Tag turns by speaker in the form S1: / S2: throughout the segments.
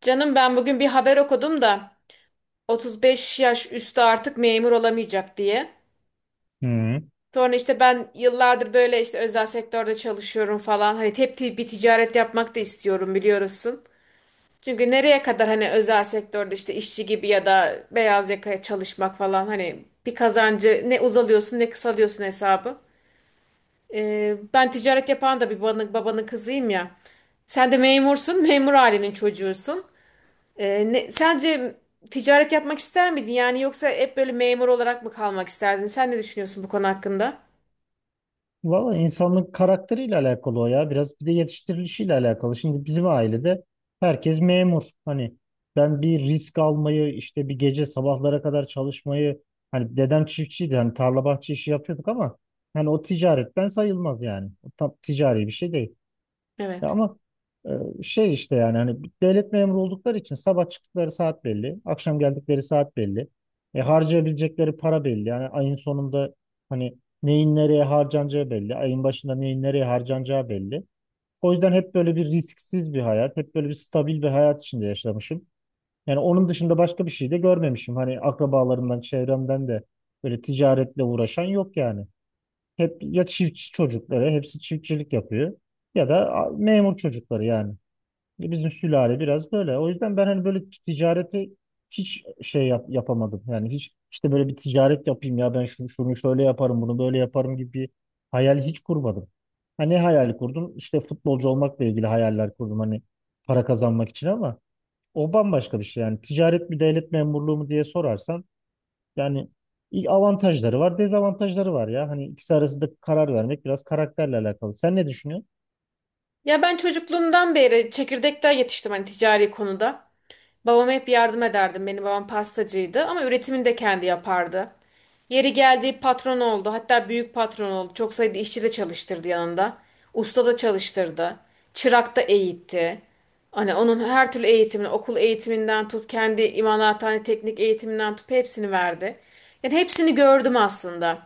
S1: Canım ben bugün bir haber okudum da 35 yaş üstü artık memur olamayacak diye.
S2: Hı.
S1: Sonra işte ben yıllardır böyle işte özel sektörde çalışıyorum falan. Hani hep bir ticaret yapmak da istiyorum biliyorsun. Çünkü nereye kadar hani özel sektörde işte işçi gibi ya da beyaz yakaya çalışmak falan hani bir kazancı ne uzalıyorsun ne kısalıyorsun hesabı. Ben ticaret yapan da bir babanın kızıyım ya. Sen de memursun, memur ailenin çocuğusun. Sence ticaret yapmak ister miydin? Yani yoksa hep böyle memur olarak mı kalmak isterdin? Sen ne düşünüyorsun bu konu hakkında?
S2: Valla insanın karakteriyle alakalı o ya. Biraz bir de yetiştirilişiyle alakalı. Şimdi bizim ailede herkes memur. Hani ben bir risk almayı işte bir gece sabahlara kadar çalışmayı hani dedem çiftçiydi. Hani tarla bahçe işi yapıyorduk ama hani o ticaretten sayılmaz yani. O tam ticari bir şey değil. Ya
S1: Evet.
S2: ama şey işte yani hani bir devlet memuru oldukları için sabah çıktıkları saat belli, akşam geldikleri saat belli. Harcayabilecekleri para belli. Yani ayın sonunda hani neyin nereye harcanacağı belli. Ayın başında neyin nereye harcanacağı belli. O yüzden hep böyle bir risksiz bir hayat, hep böyle bir stabil bir hayat içinde yaşamışım. Yani onun dışında başka bir şey de görmemişim. Hani akrabalarımdan, çevremden de böyle ticaretle uğraşan yok yani. Hep ya çiftçi çocukları, hepsi çiftçilik yapıyor ya da memur çocukları yani. Bizim sülale biraz böyle. O yüzden ben hani böyle ticareti hiç şey yapamadım. Yani hiç işte böyle bir ticaret yapayım ya ben şunu, şunu şöyle yaparım bunu böyle yaparım gibi bir hayal hiç kurmadım. Hani ne hayali kurdum? İşte futbolcu olmakla ilgili hayaller kurdum hani para kazanmak için ama o bambaşka bir şey. Yani ticaret mi devlet memurluğu mu diye sorarsan yani iyi avantajları var, dezavantajları var ya. Hani ikisi arasında karar vermek biraz karakterle alakalı. Sen ne düşünüyorsun?
S1: Ya ben çocukluğumdan beri çekirdekten yetiştim hani ticari konuda. Babama hep yardım ederdim. Benim babam pastacıydı ama üretimini de kendi yapardı. Yeri geldi patron oldu. Hatta büyük patron oldu. Çok sayıda işçi de çalıştırdı yanında. Usta da çalıştırdı. Çırak da eğitti. Hani onun her türlü eğitimini, okul eğitiminden tut, kendi imalathane teknik eğitiminden tut hepsini verdi. Yani hepsini gördüm aslında.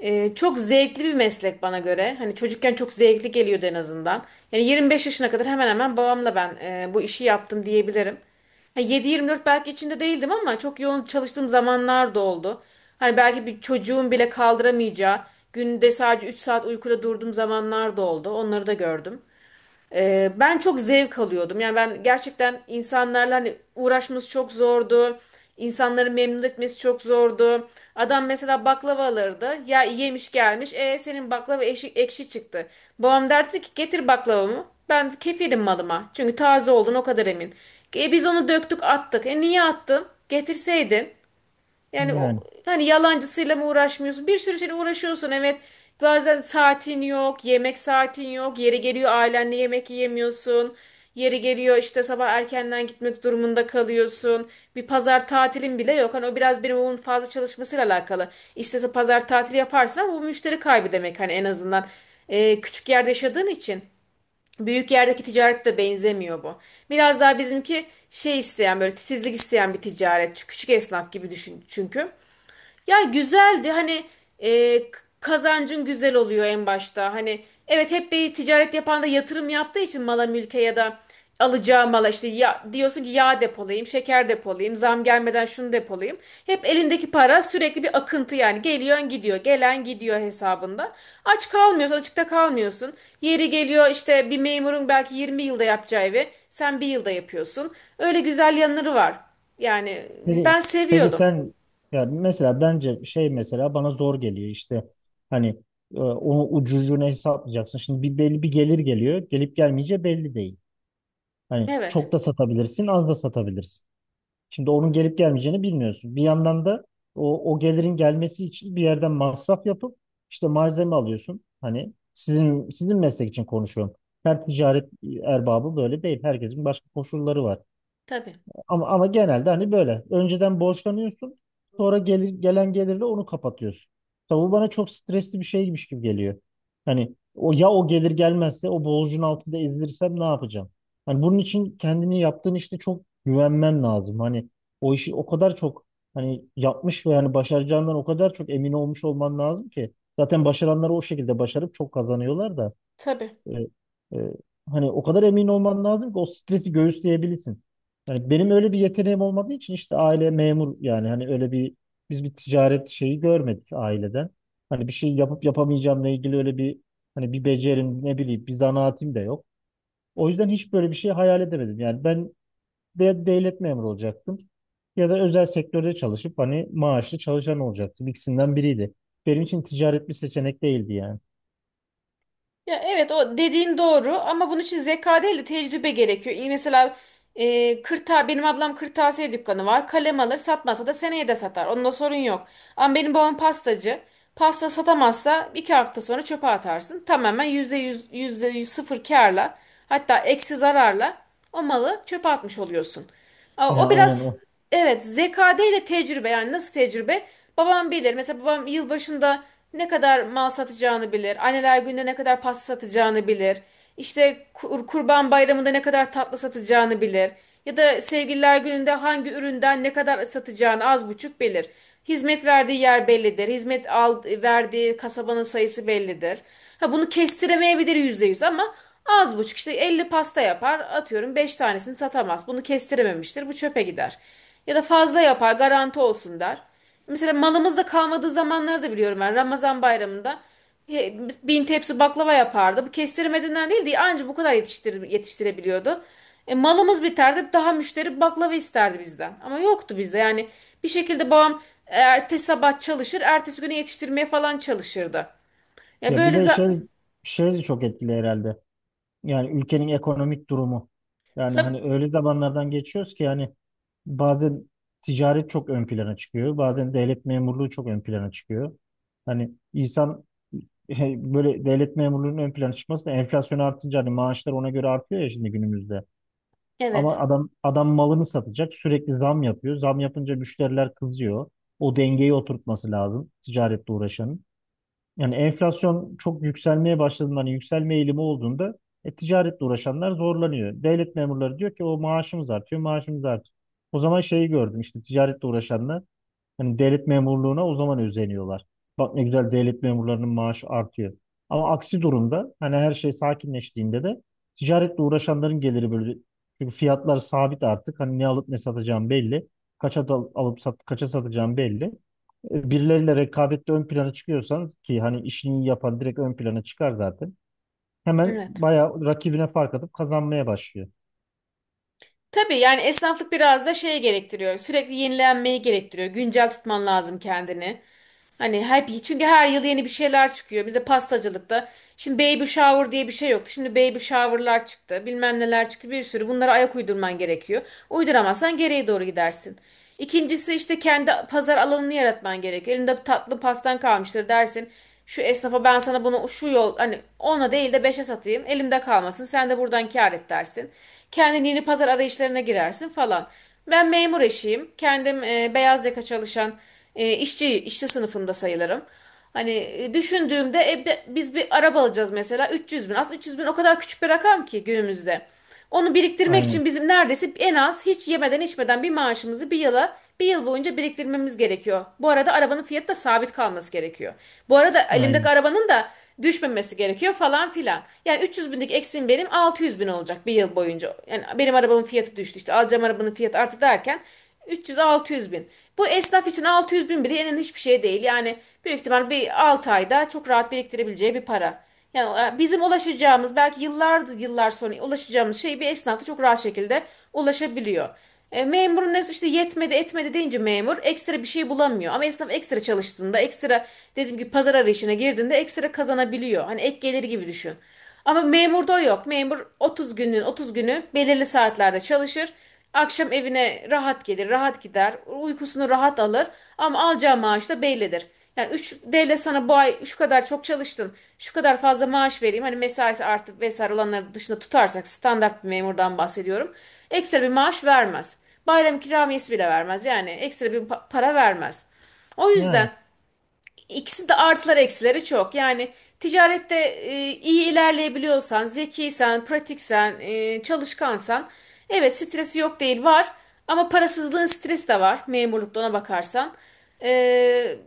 S1: Çok zevkli bir meslek bana göre. Hani çocukken çok zevkli geliyordu en azından. Yani 25 yaşına kadar hemen hemen babamla ben bu işi yaptım diyebilirim. Yani 7-24 belki içinde değildim ama çok yoğun çalıştığım zamanlar da oldu. Hani belki bir çocuğun bile kaldıramayacağı, günde sadece 3 saat uykuda durduğum zamanlar da oldu. Onları da gördüm. Ben çok zevk alıyordum. Yani ben gerçekten insanlarla hani uğraşması çok zordu. İnsanları memnun etmesi çok zordu. Adam mesela baklava alırdı. Ya yemiş gelmiş. E senin baklava ekşi çıktı. Babam derdi ki getir baklavamı. Ben kefilim malıma. Çünkü taze oldun o kadar emin. E biz onu döktük attık. E niye attın? Getirseydin. Yani o,
S2: Yani.
S1: hani yalancısıyla mı uğraşmıyorsun? Bir sürü şeyle uğraşıyorsun evet. Bazen saatin yok, yemek saatin yok. Yeri geliyor ailenle yemek yiyemiyorsun. Yeri geliyor işte sabah erkenden gitmek durumunda kalıyorsun. Bir pazar tatilin bile yok. Hani o biraz benim babamın fazla çalışmasıyla alakalı. İstese pazar tatili yaparsın ama bu müşteri kaybı demek hani en azından. Küçük yerde yaşadığın için. Büyük yerdeki ticaret de benzemiyor bu. Biraz daha bizimki şey isteyen böyle titizlik isteyen bir ticaret. Küçük esnaf gibi düşün çünkü. Ya güzeldi hani kazancın güzel oluyor en başta. Hani evet hep bir ticaret yapan da yatırım yaptığı için mala mülke ya da alacağı mala işte ya, diyorsun ki yağ depolayayım, şeker depolayayım, zam gelmeden şunu depolayayım. Hep elindeki para sürekli bir akıntı yani geliyor gidiyor, gelen gidiyor hesabında. Aç kalmıyorsun, açıkta kalmıyorsun. Yeri geliyor işte bir memurun belki 20 yılda yapacağı evi sen bir yılda yapıyorsun. Öyle güzel yanları var. Yani
S2: Peki,
S1: ben
S2: peki,
S1: seviyordum.
S2: sen ya mesela bence şey mesela bana zor geliyor işte hani onu ucucuna hesaplayacaksın. Şimdi bir belli bir gelir geliyor. Gelip gelmeyeceği belli değil. Hani çok
S1: Evet.
S2: da satabilirsin, az da satabilirsin. Şimdi onun gelip gelmeyeceğini bilmiyorsun. Bir yandan da o gelirin gelmesi için bir yerden masraf yapıp işte malzeme alıyorsun. Hani sizin meslek için konuşuyorum. Her ticaret erbabı böyle değil. Herkesin başka koşulları var.
S1: Tabii.
S2: Ama genelde hani böyle. Önceden borçlanıyorsun. Sonra gelir, gelen gelirle onu kapatıyorsun. Tabi bu bana çok stresli bir şeymiş gibi geliyor. Hani o ya o gelir gelmezse o borcun altında ezilirsem ne yapacağım? Hani bunun için kendini yaptığın işte çok güvenmen lazım. Hani o işi o kadar çok hani yapmış ve yani başaracağından o kadar çok emin olmuş olman lazım ki. Zaten başaranlar o şekilde başarıp çok kazanıyorlar da.
S1: Tabii.
S2: E, e, Hani o kadar emin olman lazım ki o stresi göğüsleyebilirsin. Yani benim öyle bir yeteneğim olmadığı için işte aile memur yani hani öyle bir biz bir ticaret şeyi görmedik aileden. Hani bir şey yapıp yapamayacağımla ilgili öyle bir hani bir becerim, ne bileyim, bir zanaatim de yok. O yüzden hiç böyle bir şey hayal edemedim. Yani ben de devlet memuru olacaktım ya da özel sektörde çalışıp hani maaşlı çalışan olacaktım. İkisinden biriydi. Benim için ticaret bir seçenek değildi yani.
S1: Ya evet o dediğin doğru ama bunun için zeka değil de tecrübe gerekiyor. Mesela e, kırta benim ablam kırtasiye dükkanı var. Kalem alır satmasa da seneye de satar. Onda sorun yok. Ama benim babam pastacı. Pasta satamazsa 2 hafta sonra çöpe atarsın. Tamamen yüzde yüz sıfır kârla hatta eksi zararla o malı çöpe atmış oluyorsun. Aa,
S2: Ya
S1: O
S2: aynen.
S1: biraz Evet, zekade ile tecrübe yani nasıl tecrübe? Babam bilir. Mesela babam yılbaşında ne kadar mal satacağını bilir. Anneler Günü'nde ne kadar pasta satacağını bilir. İşte Kurban Bayramı'nda ne kadar tatlı satacağını bilir. Ya da Sevgililer Günü'nde hangi üründen ne kadar satacağını az buçuk bilir. Hizmet verdiği yer bellidir. Verdiği kasabanın sayısı bellidir. Ha bunu kestiremeyebilir %100 ama az buçuk işte 50 pasta yapar atıyorum 5 tanesini satamaz. Bunu kestirememiştir bu çöpe gider. Ya da fazla yapar garanti olsun der. Mesela malımızda kalmadığı zamanları da biliyorum ben Ramazan bayramında e, 1.000 tepsi baklava yapardı. Bu kestiremediğinden değil diye anca bu kadar yetiştirebiliyordu. E, malımız biterdi daha müşteri baklava isterdi bizden ama yoktu bizde yani bir şekilde babam ertesi sabah çalışır ertesi güne yetiştirmeye falan çalışırdı. Ya
S2: Ya bir
S1: böyle
S2: de
S1: za-
S2: şey de çok etkili herhalde. Yani ülkenin ekonomik durumu. Yani
S1: Tab
S2: hani öyle zamanlardan geçiyoruz ki yani bazen ticaret çok ön plana çıkıyor. Bazen devlet memurluğu çok ön plana çıkıyor. Hani insan böyle devlet memurluğunun ön plana çıkması da enflasyon artınca hani maaşlar ona göre artıyor ya şimdi günümüzde. Ama
S1: evet.
S2: adam malını satacak, sürekli zam yapıyor. Zam yapınca müşteriler kızıyor. O dengeyi oturtması lazım ticaretle uğraşanın. Yani enflasyon çok yükselmeye başladığında, hani yükselme eğilimi olduğunda ticaretle uğraşanlar zorlanıyor. Devlet memurları diyor ki o maaşımız artıyor, maaşımız artıyor. O zaman şeyi gördüm işte ticaretle uğraşanlar hani devlet memurluğuna o zaman özeniyorlar. Bak ne güzel, devlet memurlarının maaşı artıyor. Ama aksi durumda hani her şey sakinleştiğinde de ticaretle uğraşanların geliri böyle, çünkü fiyatlar sabit artık. Hani ne alıp ne satacağım belli. Kaça da alıp sat, kaça satacağım belli. Birileriyle rekabette ön plana çıkıyorsanız ki hani işini iyi yapan direkt ön plana çıkar zaten. Hemen
S1: Evet.
S2: bayağı rakibine fark atıp kazanmaya başlıyor.
S1: Tabii yani esnaflık biraz da şey gerektiriyor. Sürekli yenilenmeyi gerektiriyor. Güncel tutman lazım kendini. Hani hep çünkü her yıl yeni bir şeyler çıkıyor. Bize pastacılıkta. Şimdi baby shower diye bir şey yoktu. Şimdi baby shower'lar çıktı. Bilmem neler çıktı. Bir sürü. Bunlara ayak uydurman gerekiyor. Uyduramazsan geriye doğru gidersin. İkincisi işte kendi pazar alanını yaratman gerekiyor. Elinde tatlı pastan kalmıştır dersin. Şu esnafa ben sana bunu şu yol hani ona değil de beşe satayım. Elimde kalmasın. Sen de buradan kâr et dersin. Kendin yeni pazar arayışlarına girersin falan. Ben memur eşiyim. Kendim beyaz yaka çalışan işçi sınıfında sayılırım. Hani düşündüğümde biz bir araba alacağız mesela 300 bin. Aslında 300 bin o kadar küçük bir rakam ki günümüzde. Onu biriktirmek için
S2: Aynen,
S1: bizim neredeyse en az hiç yemeden içmeden bir maaşımızı bir yıl boyunca biriktirmemiz gerekiyor. Bu arada arabanın fiyatı da sabit kalması gerekiyor. Bu arada elimdeki
S2: aynen.
S1: arabanın da düşmemesi gerekiyor falan filan. Yani 300 binlik eksiğim benim 600 bin olacak bir yıl boyunca. Yani benim arabamın fiyatı düştü işte alacağım arabanın fiyatı arttı derken 300-600 bin. Bu esnaf için 600 bin bile yenen hiçbir şey değil. Yani büyük ihtimal bir 6 ayda çok rahat biriktirebileceği bir para. Yani bizim ulaşacağımız belki yıllardır yıllar sonra ulaşacağımız şey bir esnaf çok rahat şekilde ulaşabiliyor. Memurun ne işte yetmedi etmedi deyince memur ekstra bir şey bulamıyor. Ama esnaf ekstra çalıştığında ekstra dediğim gibi pazar arayışına girdiğinde ekstra kazanabiliyor. Hani ek geliri gibi düşün. Ama memurda yok. Memur 30 günün 30 günü belirli saatlerde çalışır. Akşam evine rahat gelir, rahat gider, uykusunu rahat alır ama alacağı maaş da bellidir. Yani üç devlet sana bu ay şu kadar çok çalıştın, şu kadar fazla maaş vereyim. Hani mesaisi artıp vesaire olanları dışında tutarsak standart bir memurdan bahsediyorum. Ekstra bir maaş vermez. Bayram ikramiyesi bile vermez. Yani ekstra bir para vermez. O
S2: Yani
S1: yüzden İkisi de artıları eksileri çok. Yani ticarette iyi ilerleyebiliyorsan, zekiysen, pratiksen, çalışkansan evet stresi yok değil var. Ama parasızlığın stresi de var memurlukta ona bakarsan. E,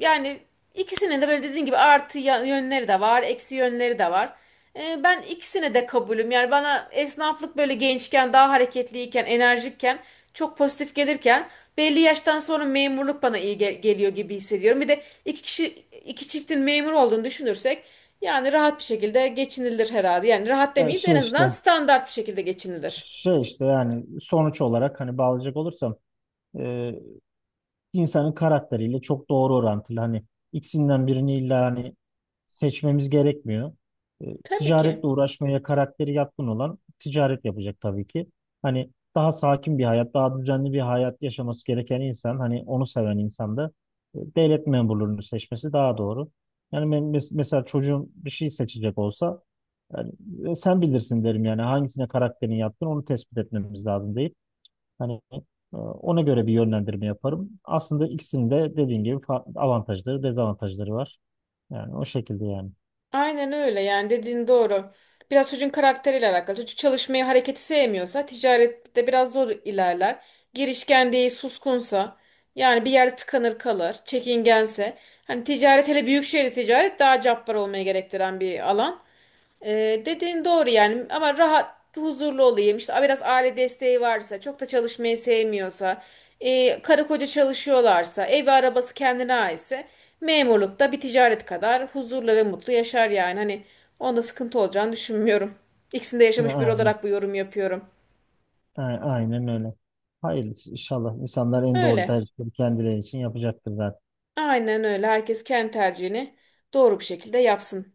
S1: yani ikisinin de böyle dediğin gibi artı yönleri de var, eksi yönleri de var. Ben ikisine de kabulüm. Yani bana esnaflık böyle gençken, daha hareketliyken, enerjikken, çok pozitif gelirken belli yaştan sonra memurluk bana iyi geliyor gibi hissediyorum. Bir de iki çiftin memur olduğunu düşünürsek yani rahat bir şekilde geçinilir herhalde. Yani rahat
S2: ya
S1: demeyeyim de en
S2: şey
S1: azından
S2: işte
S1: standart bir şekilde geçinilir.
S2: yani sonuç olarak hani bağlayacak olursam e, insanın karakteriyle çok doğru orantılı. Hani ikisinden birini illa hani seçmemiz gerekmiyor.
S1: Tabii ki.
S2: Ticaretle uğraşmaya karakteri yatkın olan ticaret yapacak tabii ki. Hani daha sakin bir hayat, daha düzenli bir hayat yaşaması gereken insan, hani onu seven insan da devlet memurluğunu seçmesi daha doğru. Yani ben mesela çocuğum bir şey seçecek olsa yani sen bilirsin derim yani, hangisine karakterin yatkın onu tespit etmemiz lazım değil. Hani ona göre bir yönlendirme yaparım. Aslında ikisinin de dediğim gibi avantajları, dezavantajları var. Yani o şekilde yani.
S1: Aynen öyle yani dediğin doğru. Biraz çocuğun karakteriyle alakalı. Çocuk çalışmayı, hareketi sevmiyorsa ticarette biraz zor ilerler. Girişken değil, suskunsa yani bir yerde tıkanır kalır, çekingense. Hani ticaret hele büyük şehirde ticaret daha cabbar olmaya gerektiren bir alan. Dediğin doğru yani ama rahat huzurlu olayım işte biraz aile desteği varsa çok da çalışmayı sevmiyorsa karı koca çalışıyorlarsa evi arabası kendine aitse memurlukta bir ticaret kadar huzurlu ve mutlu yaşar yani hani onda sıkıntı olacağını düşünmüyorum. İkisinde yaşamış biri
S2: Aynen,
S1: olarak bu yorum yapıyorum.
S2: aynen öyle. Hayırlısı inşallah. İnsanlar en doğru
S1: Öyle
S2: tercihleri kendileri için yapacaktır zaten.
S1: aynen öyle herkes kendi tercihini doğru bir şekilde yapsın.